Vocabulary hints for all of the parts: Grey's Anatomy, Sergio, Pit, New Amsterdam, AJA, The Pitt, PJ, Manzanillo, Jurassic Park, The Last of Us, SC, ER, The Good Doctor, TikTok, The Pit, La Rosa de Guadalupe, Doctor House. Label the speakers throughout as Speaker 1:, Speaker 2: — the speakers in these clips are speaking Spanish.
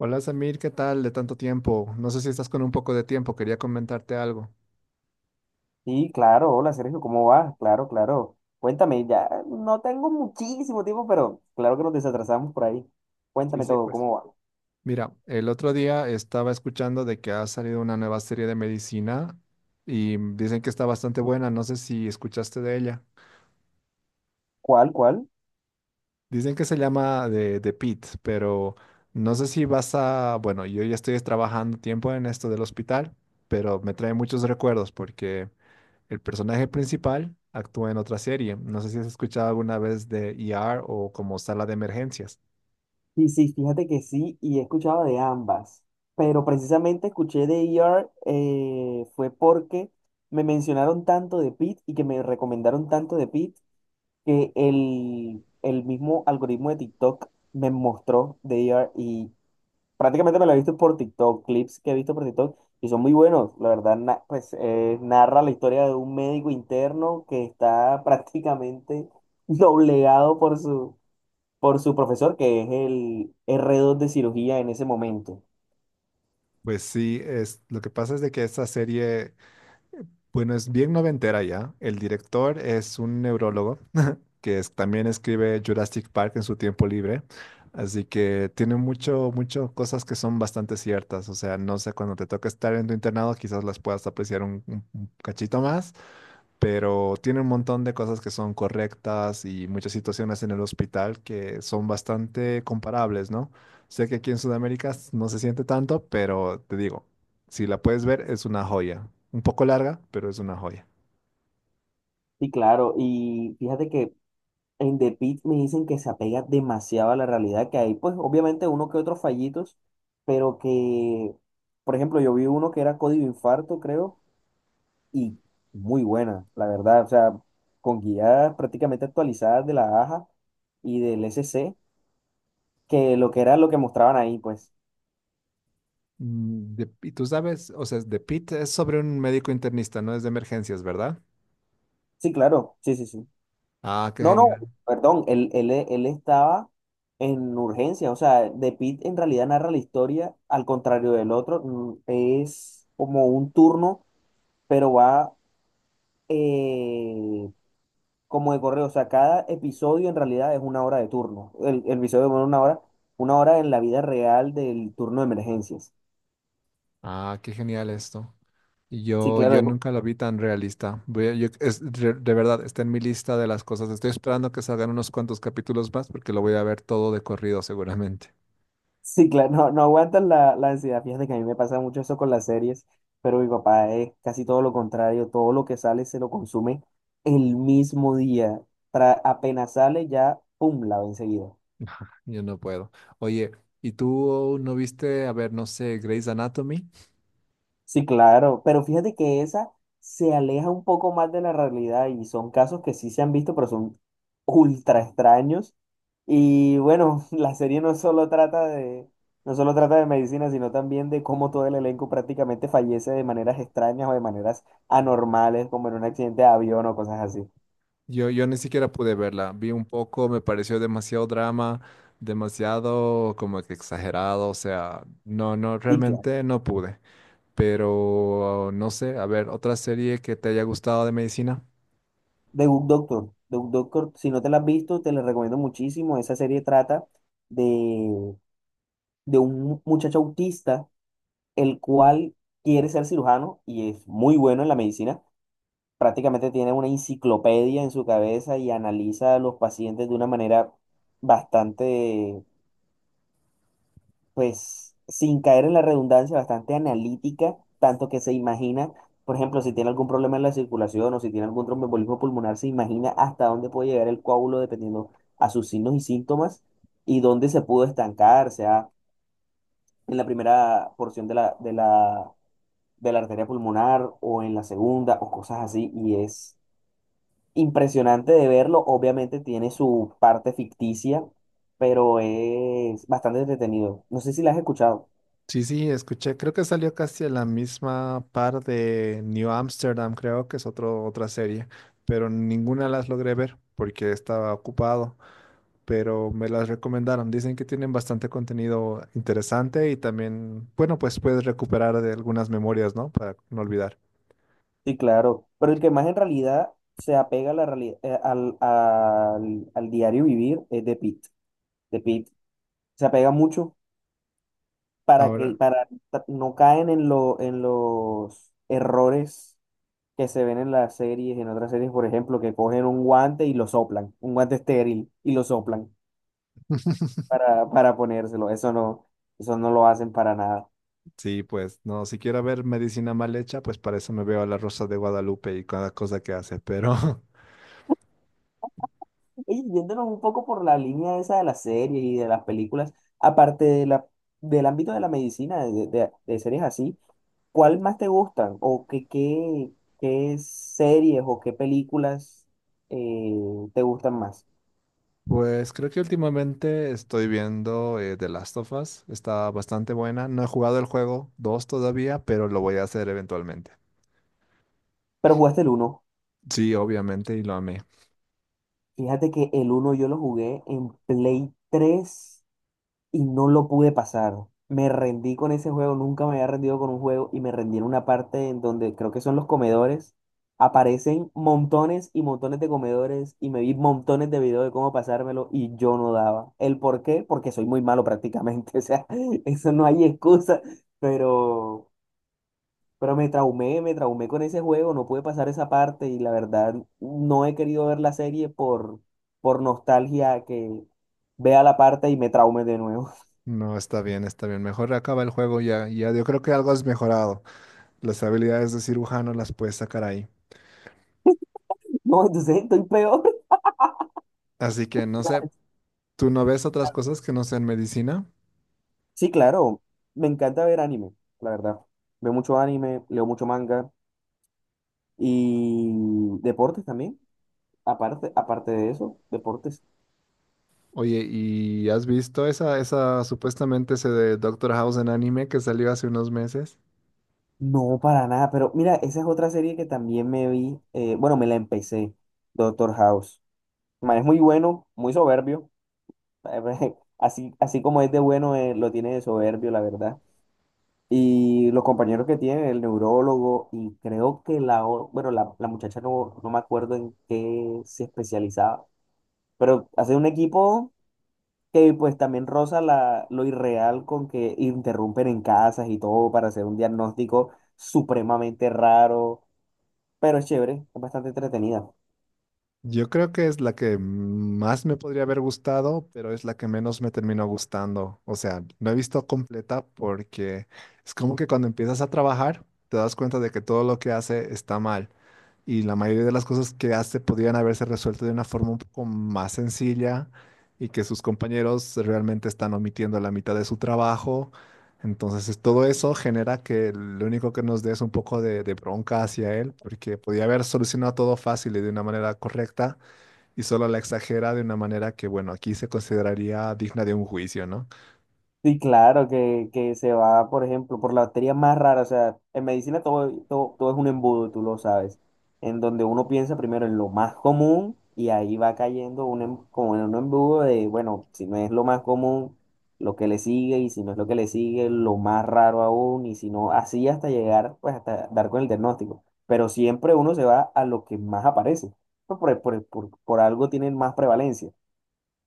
Speaker 1: Hola Samir, ¿qué tal? De tanto tiempo. No sé si estás con un poco de tiempo, quería comentarte algo.
Speaker 2: Sí, claro, hola Sergio, ¿cómo vas? Claro, claro. Cuéntame, ya no tengo muchísimo tiempo, pero claro que nos desatrasamos por ahí.
Speaker 1: Sí,
Speaker 2: Cuéntame
Speaker 1: sí,
Speaker 2: todo,
Speaker 1: pues,
Speaker 2: ¿cómo va?
Speaker 1: mira, el otro día estaba escuchando de que ha salido una nueva serie de medicina y dicen que está bastante buena. No sé si escuchaste de ella.
Speaker 2: ¿Cuál, cuál?
Speaker 1: Dicen que se llama de The Pit, pero no sé si vas a, bueno, yo ya estoy trabajando tiempo en esto del hospital, pero me trae muchos recuerdos porque el personaje principal actúa en otra serie. No sé si has escuchado alguna vez de ER o como Sala de Emergencias.
Speaker 2: Sí, sí, fíjate que sí, y he escuchado de ambas, pero precisamente escuché de ER fue porque me mencionaron tanto de Pit y que me recomendaron tanto de Pit que el mismo algoritmo de TikTok me mostró de ER. Prácticamente me lo he visto por TikTok, clips que he visto por TikTok, y son muy buenos. La verdad, narra la historia de un médico interno que está prácticamente doblegado por por su profesor, que es el R2 de cirugía en ese momento.
Speaker 1: Pues sí, es, lo que pasa es de que esta serie, bueno, es bien noventera ya. El director es un neurólogo también escribe Jurassic Park en su tiempo libre. Así que tiene mucho, mucho cosas que son bastante ciertas. O sea, no sé, cuando te toca estar en tu internado, quizás las puedas apreciar un cachito más, pero tiene un montón de cosas que son correctas y muchas situaciones en el hospital que son bastante comparables, ¿no? Sé que aquí en Sudamérica no se siente tanto, pero te digo, si la puedes ver, es una joya. Un poco larga, pero es una joya.
Speaker 2: Y claro, y fíjate que en The Pitt me dicen que se apega demasiado a la realidad que hay, pues obviamente uno que otros fallitos, pero por ejemplo, yo vi uno que era código infarto, creo, y muy buena, la verdad. O sea, con guías prácticamente actualizadas de la AJA y del SC, que lo que era lo que mostraban ahí, pues.
Speaker 1: Y tú sabes, o sea, de Pete es sobre un médico internista, no es de emergencias, ¿verdad?
Speaker 2: Sí, claro, sí, sí, sí.
Speaker 1: Ah, qué
Speaker 2: No, no,
Speaker 1: genial.
Speaker 2: perdón, él estaba en urgencia, o sea, The Pitt en realidad narra la historia, al contrario del otro, es como un turno, pero va eh, como de correo. O sea, cada episodio en realidad es una hora de turno. El episodio, bueno, una hora en la vida real del turno de emergencias.
Speaker 1: Ah, qué genial esto. Y
Speaker 2: Sí,
Speaker 1: Yo,
Speaker 2: claro,
Speaker 1: yo
Speaker 2: hijo.
Speaker 1: nunca la vi tan realista. Es, de verdad, está en mi lista de las cosas. Estoy esperando que salgan unos cuantos capítulos más porque lo voy a ver todo de corrido seguramente.
Speaker 2: Sí, claro, no, no aguantan la ansiedad. Fíjate que a mí me pasa mucho eso con las series, pero mi papá es casi todo lo contrario. Todo lo que sale se lo consume el mismo día. Apenas sale ya, pum, la ve enseguida.
Speaker 1: Ajá, yo no puedo. Oye, ¿y tú no viste, a ver, no sé, Grey's Anatomy?
Speaker 2: Sí, claro, pero fíjate que esa se aleja un poco más de la realidad y son casos que sí se han visto, pero son ultra extraños. Y bueno, la serie no solo trata de medicina, sino también de cómo todo el elenco prácticamente fallece de maneras extrañas o de maneras anormales, como en un accidente de avión o cosas así.
Speaker 1: Yo ni siquiera pude verla. Vi un poco, me pareció demasiado drama, demasiado como que exagerado. O sea, no, no,
Speaker 2: Sí, claro.
Speaker 1: realmente no pude. Pero no sé, a ver, otra serie que te haya gustado de medicina.
Speaker 2: The Good Doctor. The Good Doctor, si no te la has visto, te la recomiendo muchísimo. Esa serie trata de, de un muchacho autista el cual quiere ser cirujano y es muy bueno en la medicina. Prácticamente tiene una enciclopedia en su cabeza y analiza a los pacientes de una manera bastante, pues, sin caer en la redundancia, bastante analítica, tanto que se imagina, por ejemplo, si tiene algún problema en la circulación o si tiene algún tromboembolismo pulmonar, se imagina hasta dónde puede llegar el coágulo dependiendo a sus signos y síntomas y dónde se pudo estancar, sea en la primera porción de la arteria pulmonar o en la segunda o cosas así, y es impresionante de verlo. Obviamente tiene su parte ficticia, pero es bastante entretenido. No sé si la has escuchado.
Speaker 1: Sí, sí, escuché, creo que salió casi a la misma par de New Amsterdam, creo que es otro, otra serie, pero ninguna las logré ver porque estaba ocupado, pero me las recomendaron. Dicen que tienen bastante contenido interesante y también, bueno, pues puedes recuperar de algunas memorias, ¿no? Para no olvidar.
Speaker 2: Sí, claro. Pero el que más en realidad se apega a la al, al diario vivir es de Pitt. De Pitt se apega mucho para que
Speaker 1: Ahora,
Speaker 2: no caen en lo, en los errores que se ven en las series, en otras series, por ejemplo, que cogen un guante y lo soplan, un guante estéril y lo soplan para ponérselo. Eso no lo hacen para nada.
Speaker 1: sí, pues no, si quiero ver medicina mal hecha, pues para eso me veo a La Rosa de Guadalupe y cada cosa que hace, pero
Speaker 2: Oye, yéndonos un poco por la línea esa de las series y de las películas, aparte de del ámbito de la medicina, de series así, ¿cuál más te gustan? ¿O qué series o qué películas eh, te gustan más?
Speaker 1: pues creo que últimamente estoy viendo The Last of Us. Está bastante buena. No he jugado el juego 2 todavía, pero lo voy a hacer eventualmente.
Speaker 2: Pero jugaste el uno.
Speaker 1: Sí, obviamente, y lo amé.
Speaker 2: Fíjate que el uno yo lo jugué en Play 3 y no lo pude pasar. Me rendí con ese juego, nunca me había rendido con un juego y me rendí en una parte en donde creo que son los comedores. Aparecen montones y montones de comedores y me vi montones de videos de cómo pasármelo y yo no daba. ¿El por qué? Porque soy muy malo prácticamente, o sea, eso no hay excusa, pero, pero me traumé con ese juego, no pude pasar esa parte y la verdad no he querido ver la serie por nostalgia que vea la parte y me traume de nuevo.
Speaker 1: No, está bien, está bien. Mejor acaba el juego, ya, ya. Yo creo que algo has mejorado. Las habilidades de cirujano las puedes sacar ahí.
Speaker 2: No, entonces estoy peor.
Speaker 1: Así que no sé, ¿tú no ves otras cosas que no sean medicina?
Speaker 2: Sí, claro, me encanta ver anime, la verdad. Veo mucho anime, leo mucho manga y deportes también. Aparte de eso, deportes.
Speaker 1: Oye, ¿y has visto esa, esa supuestamente ese de Doctor House en anime que salió hace unos meses?
Speaker 2: No, para nada, pero mira, esa es otra serie que también me vi, bueno, me la empecé, Doctor House. El Man, es muy bueno, muy soberbio. Así, así como es de bueno, lo tiene de soberbio, la verdad. Y los compañeros que tiene, el neurólogo, y creo que bueno, la muchacha no, no me acuerdo en qué se especializaba, pero hace un equipo que pues también roza lo irreal con que interrumpen en casas y todo para hacer un diagnóstico supremamente raro, pero es chévere, es bastante entretenida.
Speaker 1: Yo creo que es la que más me podría haber gustado, pero es la que menos me terminó gustando. O sea, no he visto completa porque es como que cuando empiezas a trabajar te das cuenta de que todo lo que hace está mal y la mayoría de las cosas que hace podrían haberse resuelto de una forma un poco más sencilla y que sus compañeros realmente están omitiendo la mitad de su trabajo. Entonces, todo eso genera que lo único que nos dé es un poco de bronca hacia él, porque podía haber solucionado todo fácil y de una manera correcta, y solo la exagera de una manera que, bueno, aquí se consideraría digna de un juicio, ¿no?
Speaker 2: Sí, claro, que se va, por ejemplo, por la bacteria más rara. O sea, en medicina todo es un embudo, tú lo sabes. En donde uno piensa primero en lo más común y ahí va cayendo como en un embudo de, bueno, si no es lo más común, lo que le sigue, y si no es lo que le sigue, lo más raro aún, y si no, así hasta llegar, pues hasta dar con el diagnóstico. Pero siempre uno se va a lo que más aparece. Pues por algo tienen más prevalencia,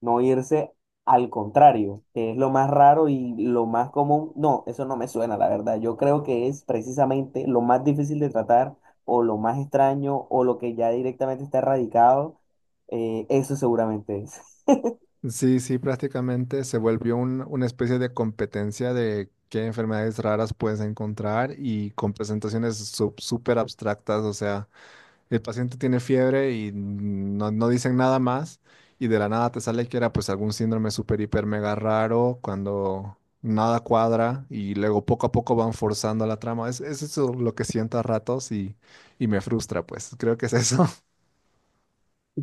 Speaker 2: no irse al contrario, que es lo más raro y lo más común. No, eso no me suena, la verdad. Yo creo que es precisamente lo más difícil de tratar o lo más extraño o lo que ya directamente está erradicado. Eso seguramente es.
Speaker 1: Sí, sí, prácticamente se volvió una especie de competencia de qué enfermedades raras puedes encontrar y con presentaciones súper abstractas. O sea, el paciente tiene fiebre y no, no dicen nada más y de la nada te sale que era pues algún síndrome super hiper mega raro cuando nada cuadra y luego poco a poco van forzando la trama. Es eso lo que siento a ratos y me frustra pues. Creo que es eso.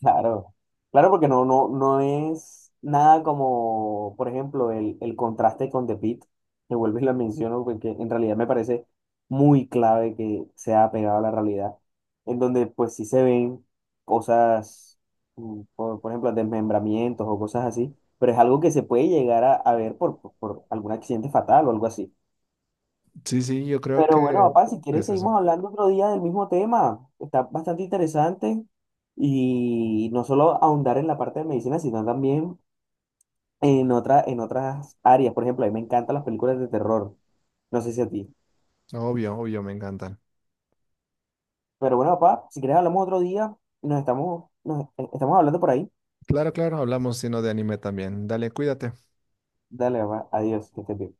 Speaker 2: Claro, claro, porque no, no, no es nada como, por ejemplo, el contraste con The Pitt, que vuelvo y lo menciono, porque en realidad me parece muy clave que sea apegado a la realidad, en donde pues sí se ven cosas, por, ejemplo, desmembramientos o cosas así, pero es algo que se puede llegar a ver por algún accidente fatal o algo así.
Speaker 1: Sí, sí, yo creo que
Speaker 2: Pero bueno, papá, si quieres
Speaker 1: es eso.
Speaker 2: seguimos hablando otro día del mismo tema. Está bastante interesante y no solo ahondar en la parte de medicina, sino también en otra, en otras áreas. Por ejemplo, a mí me encantan las películas de terror. No sé si a ti.
Speaker 1: Obvio, obvio, me encantan.
Speaker 2: Pero bueno, papá, si quieres hablamos otro día. Nos estamos hablando por ahí.
Speaker 1: Claro, claro, hablamos sino de anime también. Dale, cuídate.
Speaker 2: Dale, papá. Adiós. Que estés bien.